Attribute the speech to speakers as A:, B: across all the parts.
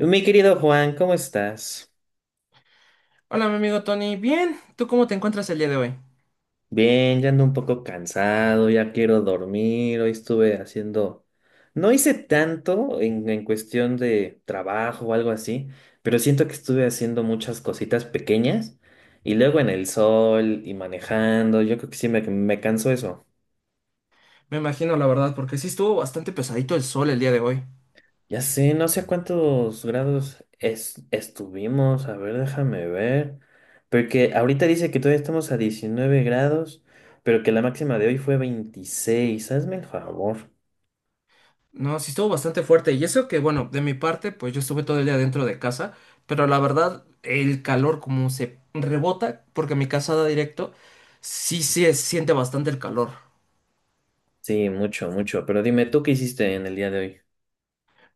A: Mi querido Juan, ¿cómo estás?
B: Hola, mi amigo Tony. Bien, ¿tú cómo te encuentras el día de hoy?
A: Bien, ya ando un poco cansado, ya quiero dormir. Hoy estuve haciendo. No hice tanto en cuestión de trabajo o algo así, pero siento que estuve haciendo muchas cositas pequeñas y luego en el sol y manejando. Yo creo que sí me cansó eso.
B: Me imagino, la verdad, porque sí estuvo bastante pesadito el sol el día de hoy.
A: Ya sé, no sé a cuántos grados estuvimos. A ver, déjame ver. Porque ahorita dice que todavía estamos a 19 grados, pero que la máxima de hoy fue 26. Hazme el favor.
B: No, sí estuvo bastante fuerte. Y eso que, bueno, de mi parte, pues yo estuve todo el día dentro de casa, pero la verdad, el calor como se rebota, porque mi casa da directo, sí se siente bastante el calor.
A: Sí, mucho, mucho. Pero dime, ¿tú qué hiciste en el día de hoy?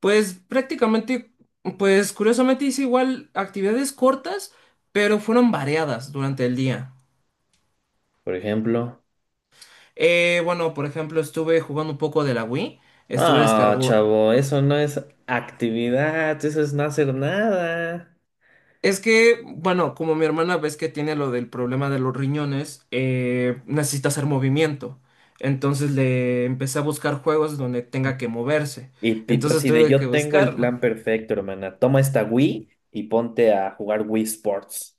B: Pues prácticamente, pues curiosamente hice igual actividades cortas, pero fueron variadas durante el día.
A: Por ejemplo.
B: Bueno, por ejemplo, estuve jugando un poco de la Wii. Estuve
A: Ah,
B: descargo-
A: chavo, eso no es actividad, eso es no hacer nada.
B: Es que, bueno, como mi hermana ves que tiene lo del problema de los riñones, necesita hacer movimiento. Entonces le empecé a buscar juegos donde tenga que moverse.
A: Y Tito
B: Entonces
A: así de
B: tuve que
A: yo tengo el
B: buscarlo.
A: plan perfecto, hermana. Toma esta Wii y ponte a jugar Wii Sports.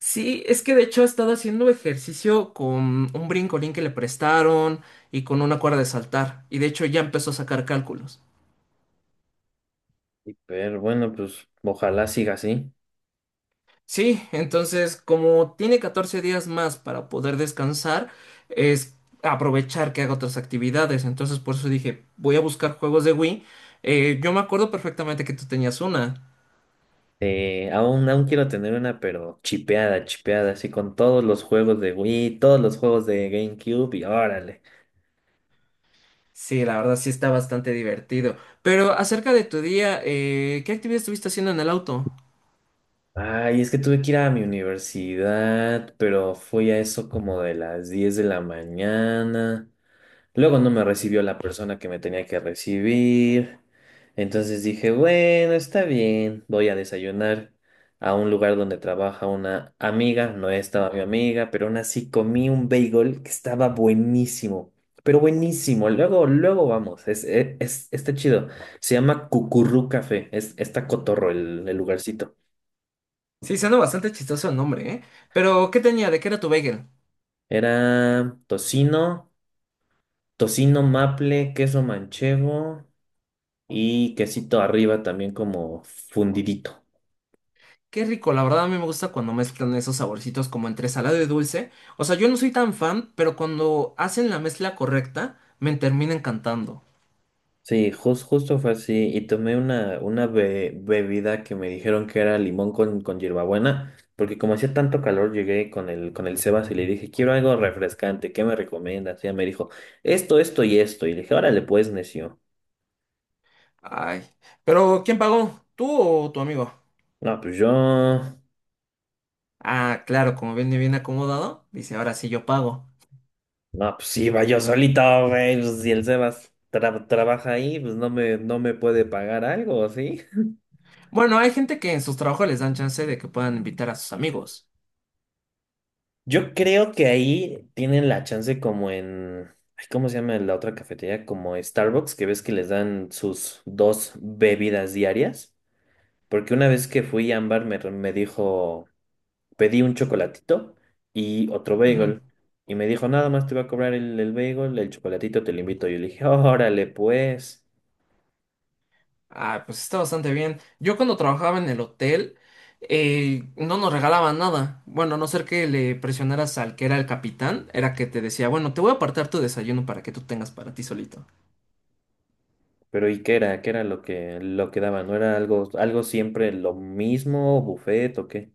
B: Sí, es que de hecho ha estado haciendo ejercicio con un brincolín que le prestaron y con una cuerda de saltar. Y de hecho ya empezó a sacar cálculos.
A: Sí, pero bueno, pues ojalá siga así.
B: Sí, entonces como tiene 14 días más para poder descansar, es aprovechar que haga otras actividades. Entonces por eso dije, voy a buscar juegos de Wii. Yo me acuerdo perfectamente que tú tenías una.
A: Aún quiero tener una, pero chipeada, chipeada, así con todos los juegos de Wii, todos los juegos de GameCube y órale.
B: Sí, la verdad sí está bastante divertido. Pero acerca de tu día, ¿qué actividad estuviste haciendo en el auto?
A: Ay, es que tuve que ir a mi universidad, pero fui a eso como de las 10 de la mañana. Luego no me recibió la persona que me tenía que recibir. Entonces dije, bueno, está bien, voy a desayunar a un lugar donde trabaja una amiga. No estaba mi amiga, pero aún así comí un bagel que estaba buenísimo. Pero buenísimo. Luego, luego vamos. Está chido. Se llama Cucurrú Café. Está cotorro el lugarcito.
B: Sí, suena bastante chistoso el nombre, ¿eh? Pero ¿qué tenía? ¿De qué era tu bagel?
A: Era tocino, tocino maple, queso manchego. Y quesito arriba también como fundidito.
B: Qué rico, la verdad a mí me gusta cuando mezclan esos saborcitos como entre salado y dulce. O sea, yo no soy tan fan, pero cuando hacen la mezcla correcta, me termina encantando.
A: Sí, justo fue así. Y tomé una bebida que me dijeron que era limón con hierbabuena, porque como hacía tanto calor, llegué con el Sebas y le dije, quiero algo refrescante, ¿qué me recomiendas? Y ella me dijo, esto y esto. Y le dije, órale, pues, necio.
B: Ay, pero ¿quién pagó? ¿Tú o tu amigo?
A: No, pues yo,
B: Ah, claro, como viene bien acomodado, dice, ahora sí yo pago.
A: no, pues iba yo solito, güey. Pues, si el Sebas trabaja ahí, pues no me puede pagar algo, ¿sí?
B: Bueno, hay gente que en sus trabajos les dan chance de que puedan invitar a sus amigos.
A: Yo creo que ahí tienen la chance como en, ay, ¿cómo se llama la otra cafetería? Como Starbucks, que ves que les dan sus dos bebidas diarias. Porque una vez que fui a Ámbar me dijo, pedí un chocolatito y otro
B: Ujú.
A: bagel. Y me dijo, nada más te voy a cobrar el bagel, el chocolatito te lo invito. Yo le dije, órale, pues.
B: Ah, pues está bastante bien. Yo cuando trabajaba en el hotel, no nos regalaban nada. Bueno, a no ser que le presionaras al que era el capitán, era que te decía, bueno, te voy a apartar tu desayuno para que tú tengas para ti solito.
A: Pero ¿y qué era? ¿Qué era lo que daban? ¿No era algo, algo siempre lo mismo, buffet o qué?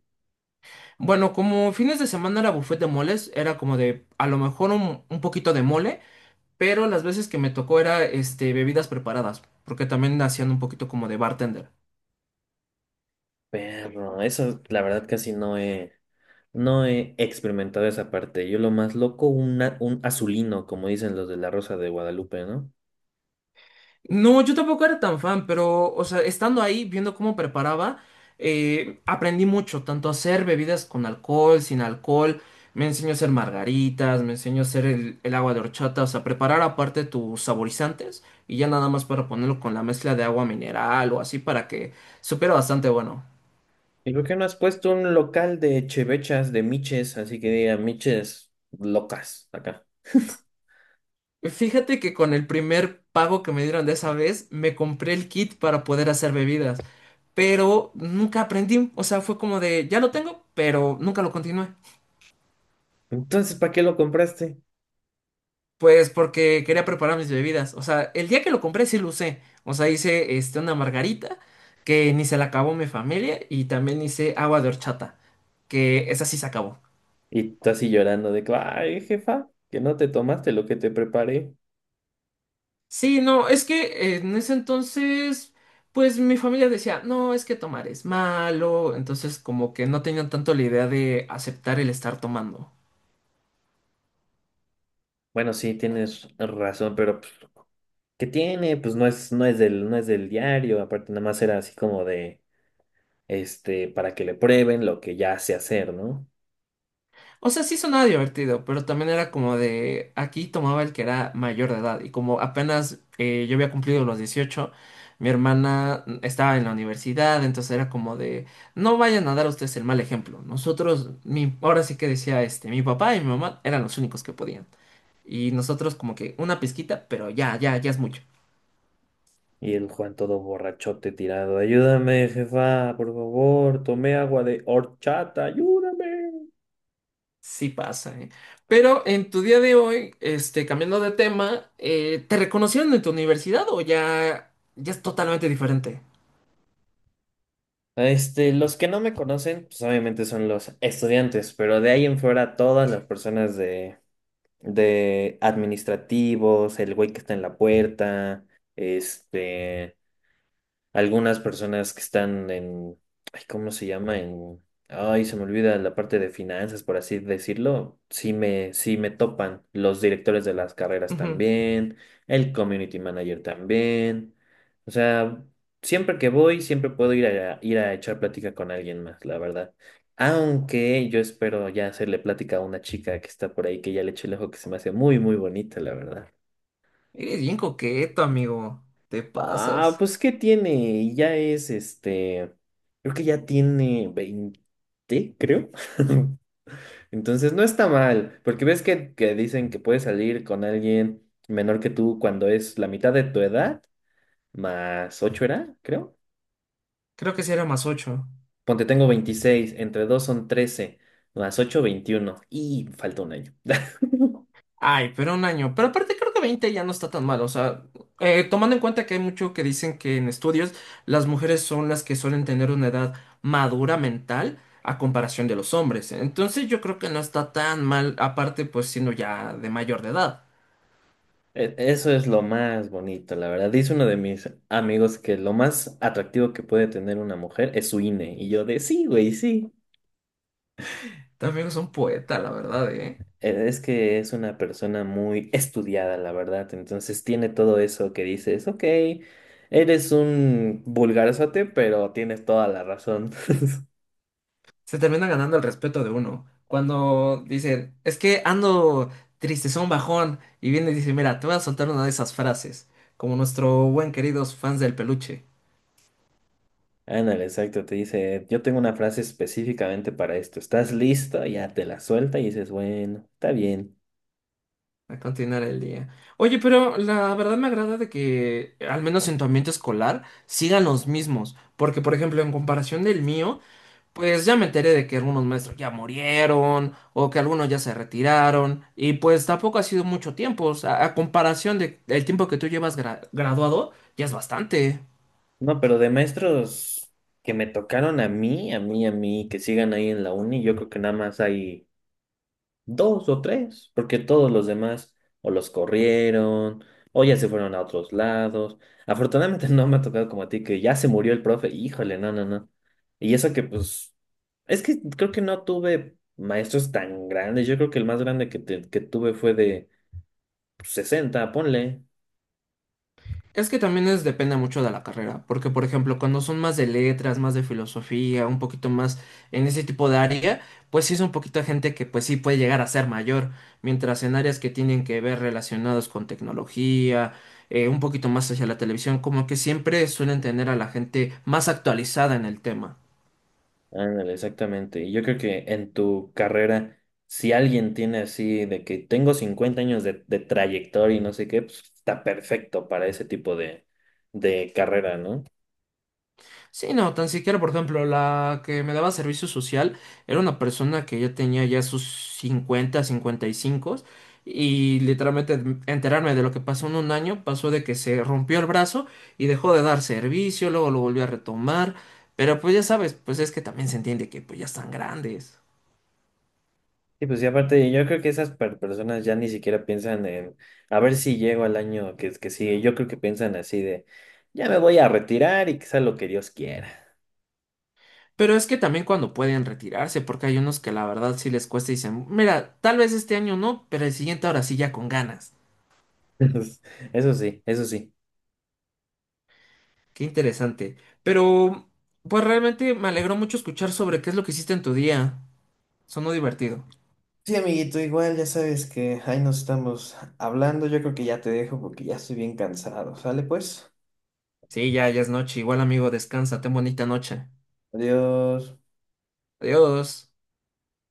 B: Bueno, como fines de semana era buffet de moles, era como de a lo mejor un poquito de mole, pero las veces que me tocó era este bebidas preparadas, porque también hacían un poquito como de bartender.
A: Perro, eso la verdad casi no he, no he experimentado esa parte. Yo lo más loco, una- un azulino, como dicen los de la Rosa de Guadalupe, ¿no?
B: No, yo tampoco era tan fan, pero, o sea, estando ahí, viendo cómo preparaba, aprendí mucho, tanto a hacer bebidas con alcohol, sin alcohol, me enseñó a hacer margaritas, me enseñó a hacer el agua de horchata, o sea, preparar aparte tus saborizantes y ya nada más para ponerlo con la mezcla de agua mineral o así para que supiera bastante bueno.
A: ¿Y por qué no has puesto un local de chevechas, de miches, así que diga miches locas acá?
B: Fíjate que con el primer pago que me dieron de esa vez, me compré el kit para poder hacer bebidas, pero nunca aprendí, o sea, fue como de, ya lo tengo, pero nunca lo continué.
A: Entonces, ¿para qué lo compraste?
B: Pues porque quería preparar mis bebidas. O sea, el día que lo compré sí lo usé. O sea, hice este, una margarita que ni se la acabó mi familia y también hice agua de horchata, que esa sí se acabó.
A: Y tú así llorando de que, ay, jefa, que no te tomaste lo que te preparé.
B: Sí, no, es que en ese entonces, pues mi familia decía, no, es que tomar es malo. Entonces como que no tenían tanto la idea de aceptar el estar tomando.
A: Bueno, sí, tienes razón, pero pues, ¿qué tiene? Pues no es, no es del, no es del diario, aparte nada más era así como de este, para que le prueben lo que ya sé hacer, ¿no?
B: O sea, sí sonaba divertido, pero también era como de aquí tomaba el que era mayor de edad y como apenas yo había cumplido los 18 mi hermana estaba en la universidad, entonces era como de no vayan a dar ustedes el mal ejemplo. Nosotros, mi, ahora sí que decía este, mi papá y mi mamá eran los únicos que podían y nosotros como que una pizquita, pero ya, ya, ya es mucho.
A: Y el Juan todo borrachote tirado, ayúdame, jefa, por favor, tomé agua de horchata, ayúdame.
B: Sí pasa, ¿eh? Pero en tu día de hoy, este, cambiando de tema, ¿te reconocieron en tu universidad o ya, ya es totalmente diferente?
A: Este, los que no me conocen, pues obviamente son los estudiantes, pero de ahí en fuera todas las personas de, administrativos, el güey que está en la puerta, este, algunas personas que están en, ay, ¿cómo se llama? En, ay, se me olvida la parte de finanzas, por así decirlo. Sí me topan los directores de las carreras
B: Ujú.
A: también, el community manager también. O sea, siempre que voy, siempre puedo ir a echar plática con alguien más, la verdad. Aunque yo espero ya hacerle plática a una chica que está por ahí, que ya le eché el ojo, que se me hace muy, muy bonita, la verdad.
B: Eres bien coqueto, amigo. Te
A: Ah,
B: pasas.
A: pues ¿qué tiene? Ya es este, creo que ya tiene 20, creo. Entonces no está mal, porque ves que dicen que puedes salir con alguien menor que tú cuando es la mitad de tu edad, más 8 era, creo.
B: Creo que sí era más ocho.
A: Ponte, tengo 26, entre 2 son 13, más 8 21 y falta un año.
B: Ay, pero un año. Pero aparte creo que 20 ya no está tan mal. O sea, tomando en cuenta que hay mucho que dicen que en estudios las mujeres son las que suelen tener una edad madura mental a comparación de los hombres. Entonces yo creo que no está tan mal, aparte pues siendo ya de mayor de edad.
A: Eso es lo más bonito, la verdad. Dice uno de mis amigos que lo más atractivo que puede tener una mujer es su INE. Y yo de sí, güey, sí.
B: También es un poeta, la verdad,
A: Es que es una persona muy estudiada, la verdad. Entonces tiene todo eso que dices, ok, eres un vulgarzote, pero tienes toda la razón.
B: Se termina ganando el respeto de uno. Cuando dicen, es que ando tristezón, bajón, y viene y dice, mira, te voy a soltar una de esas frases, como nuestro buen queridos fans del peluche,
A: Ándale, exacto. Te dice, yo tengo una frase específicamente para esto. ¿Estás listo? Ya te la suelta y dices, bueno, está bien.
B: a continuar el día. Oye, pero la verdad me agrada de que, al menos en tu ambiente escolar, sigan los mismos, porque por ejemplo, en comparación del mío, pues ya me enteré de que algunos maestros ya murieron o que algunos ya se retiraron y pues tampoco ha sido mucho tiempo, o sea, a comparación de el tiempo que tú llevas graduado, ya es bastante.
A: No, pero de maestros que me tocaron a mí, a mí, a mí, que sigan ahí en la uni, yo creo que nada más hay dos o tres, porque todos los demás o los corrieron o ya se fueron a otros lados. Afortunadamente no me ha tocado como a ti, que ya se murió el profe, híjole, no, no, no. Y eso que pues, es que creo que no tuve maestros tan grandes, yo creo que el más grande que tuve fue de pues, 60 ponle.
B: Es que también es, depende mucho de la carrera, porque por ejemplo, cuando son más de letras, más de filosofía, un poquito más en ese tipo de área, pues sí es un poquito de gente que pues sí puede llegar a ser mayor, mientras en áreas que tienen que ver relacionados con tecnología, un poquito más hacia la televisión, como que siempre suelen tener a la gente más actualizada en el tema.
A: Ándale, exactamente. Y yo creo que en tu carrera, si alguien tiene así de que tengo 50 años de trayectoria y no sé qué, pues está perfecto para ese tipo de carrera, ¿no?
B: Sí, no, tan siquiera, por ejemplo, la que me daba servicio social era una persona que ya tenía ya sus 50, 55 y literalmente enterarme de lo que pasó en un año pasó de que se rompió el brazo y dejó de dar servicio, luego lo volvió a retomar, pero pues ya sabes, pues es que también se entiende que pues ya están grandes.
A: Y pues y aparte, yo creo que esas personas ya ni siquiera piensan en a ver si llego al año que sigue. Yo creo que piensan así de ya me voy a retirar y que sea lo que Dios quiera.
B: Pero es que también cuando pueden retirarse, porque hay unos que la verdad sí les cuesta y dicen, mira, tal vez este año no, pero el siguiente ahora sí ya con ganas.
A: Eso sí, eso sí.
B: Qué interesante. Pero, pues realmente me alegró mucho escuchar sobre qué es lo que hiciste en tu día. Sonó divertido.
A: Sí, amiguito, igual ya sabes que ahí nos estamos hablando. Yo creo que ya te dejo porque ya estoy bien cansado. Sale pues.
B: Sí, ya, ya es noche. Igual, amigo, descansa. Ten bonita noche.
A: Adiós.
B: Adiós.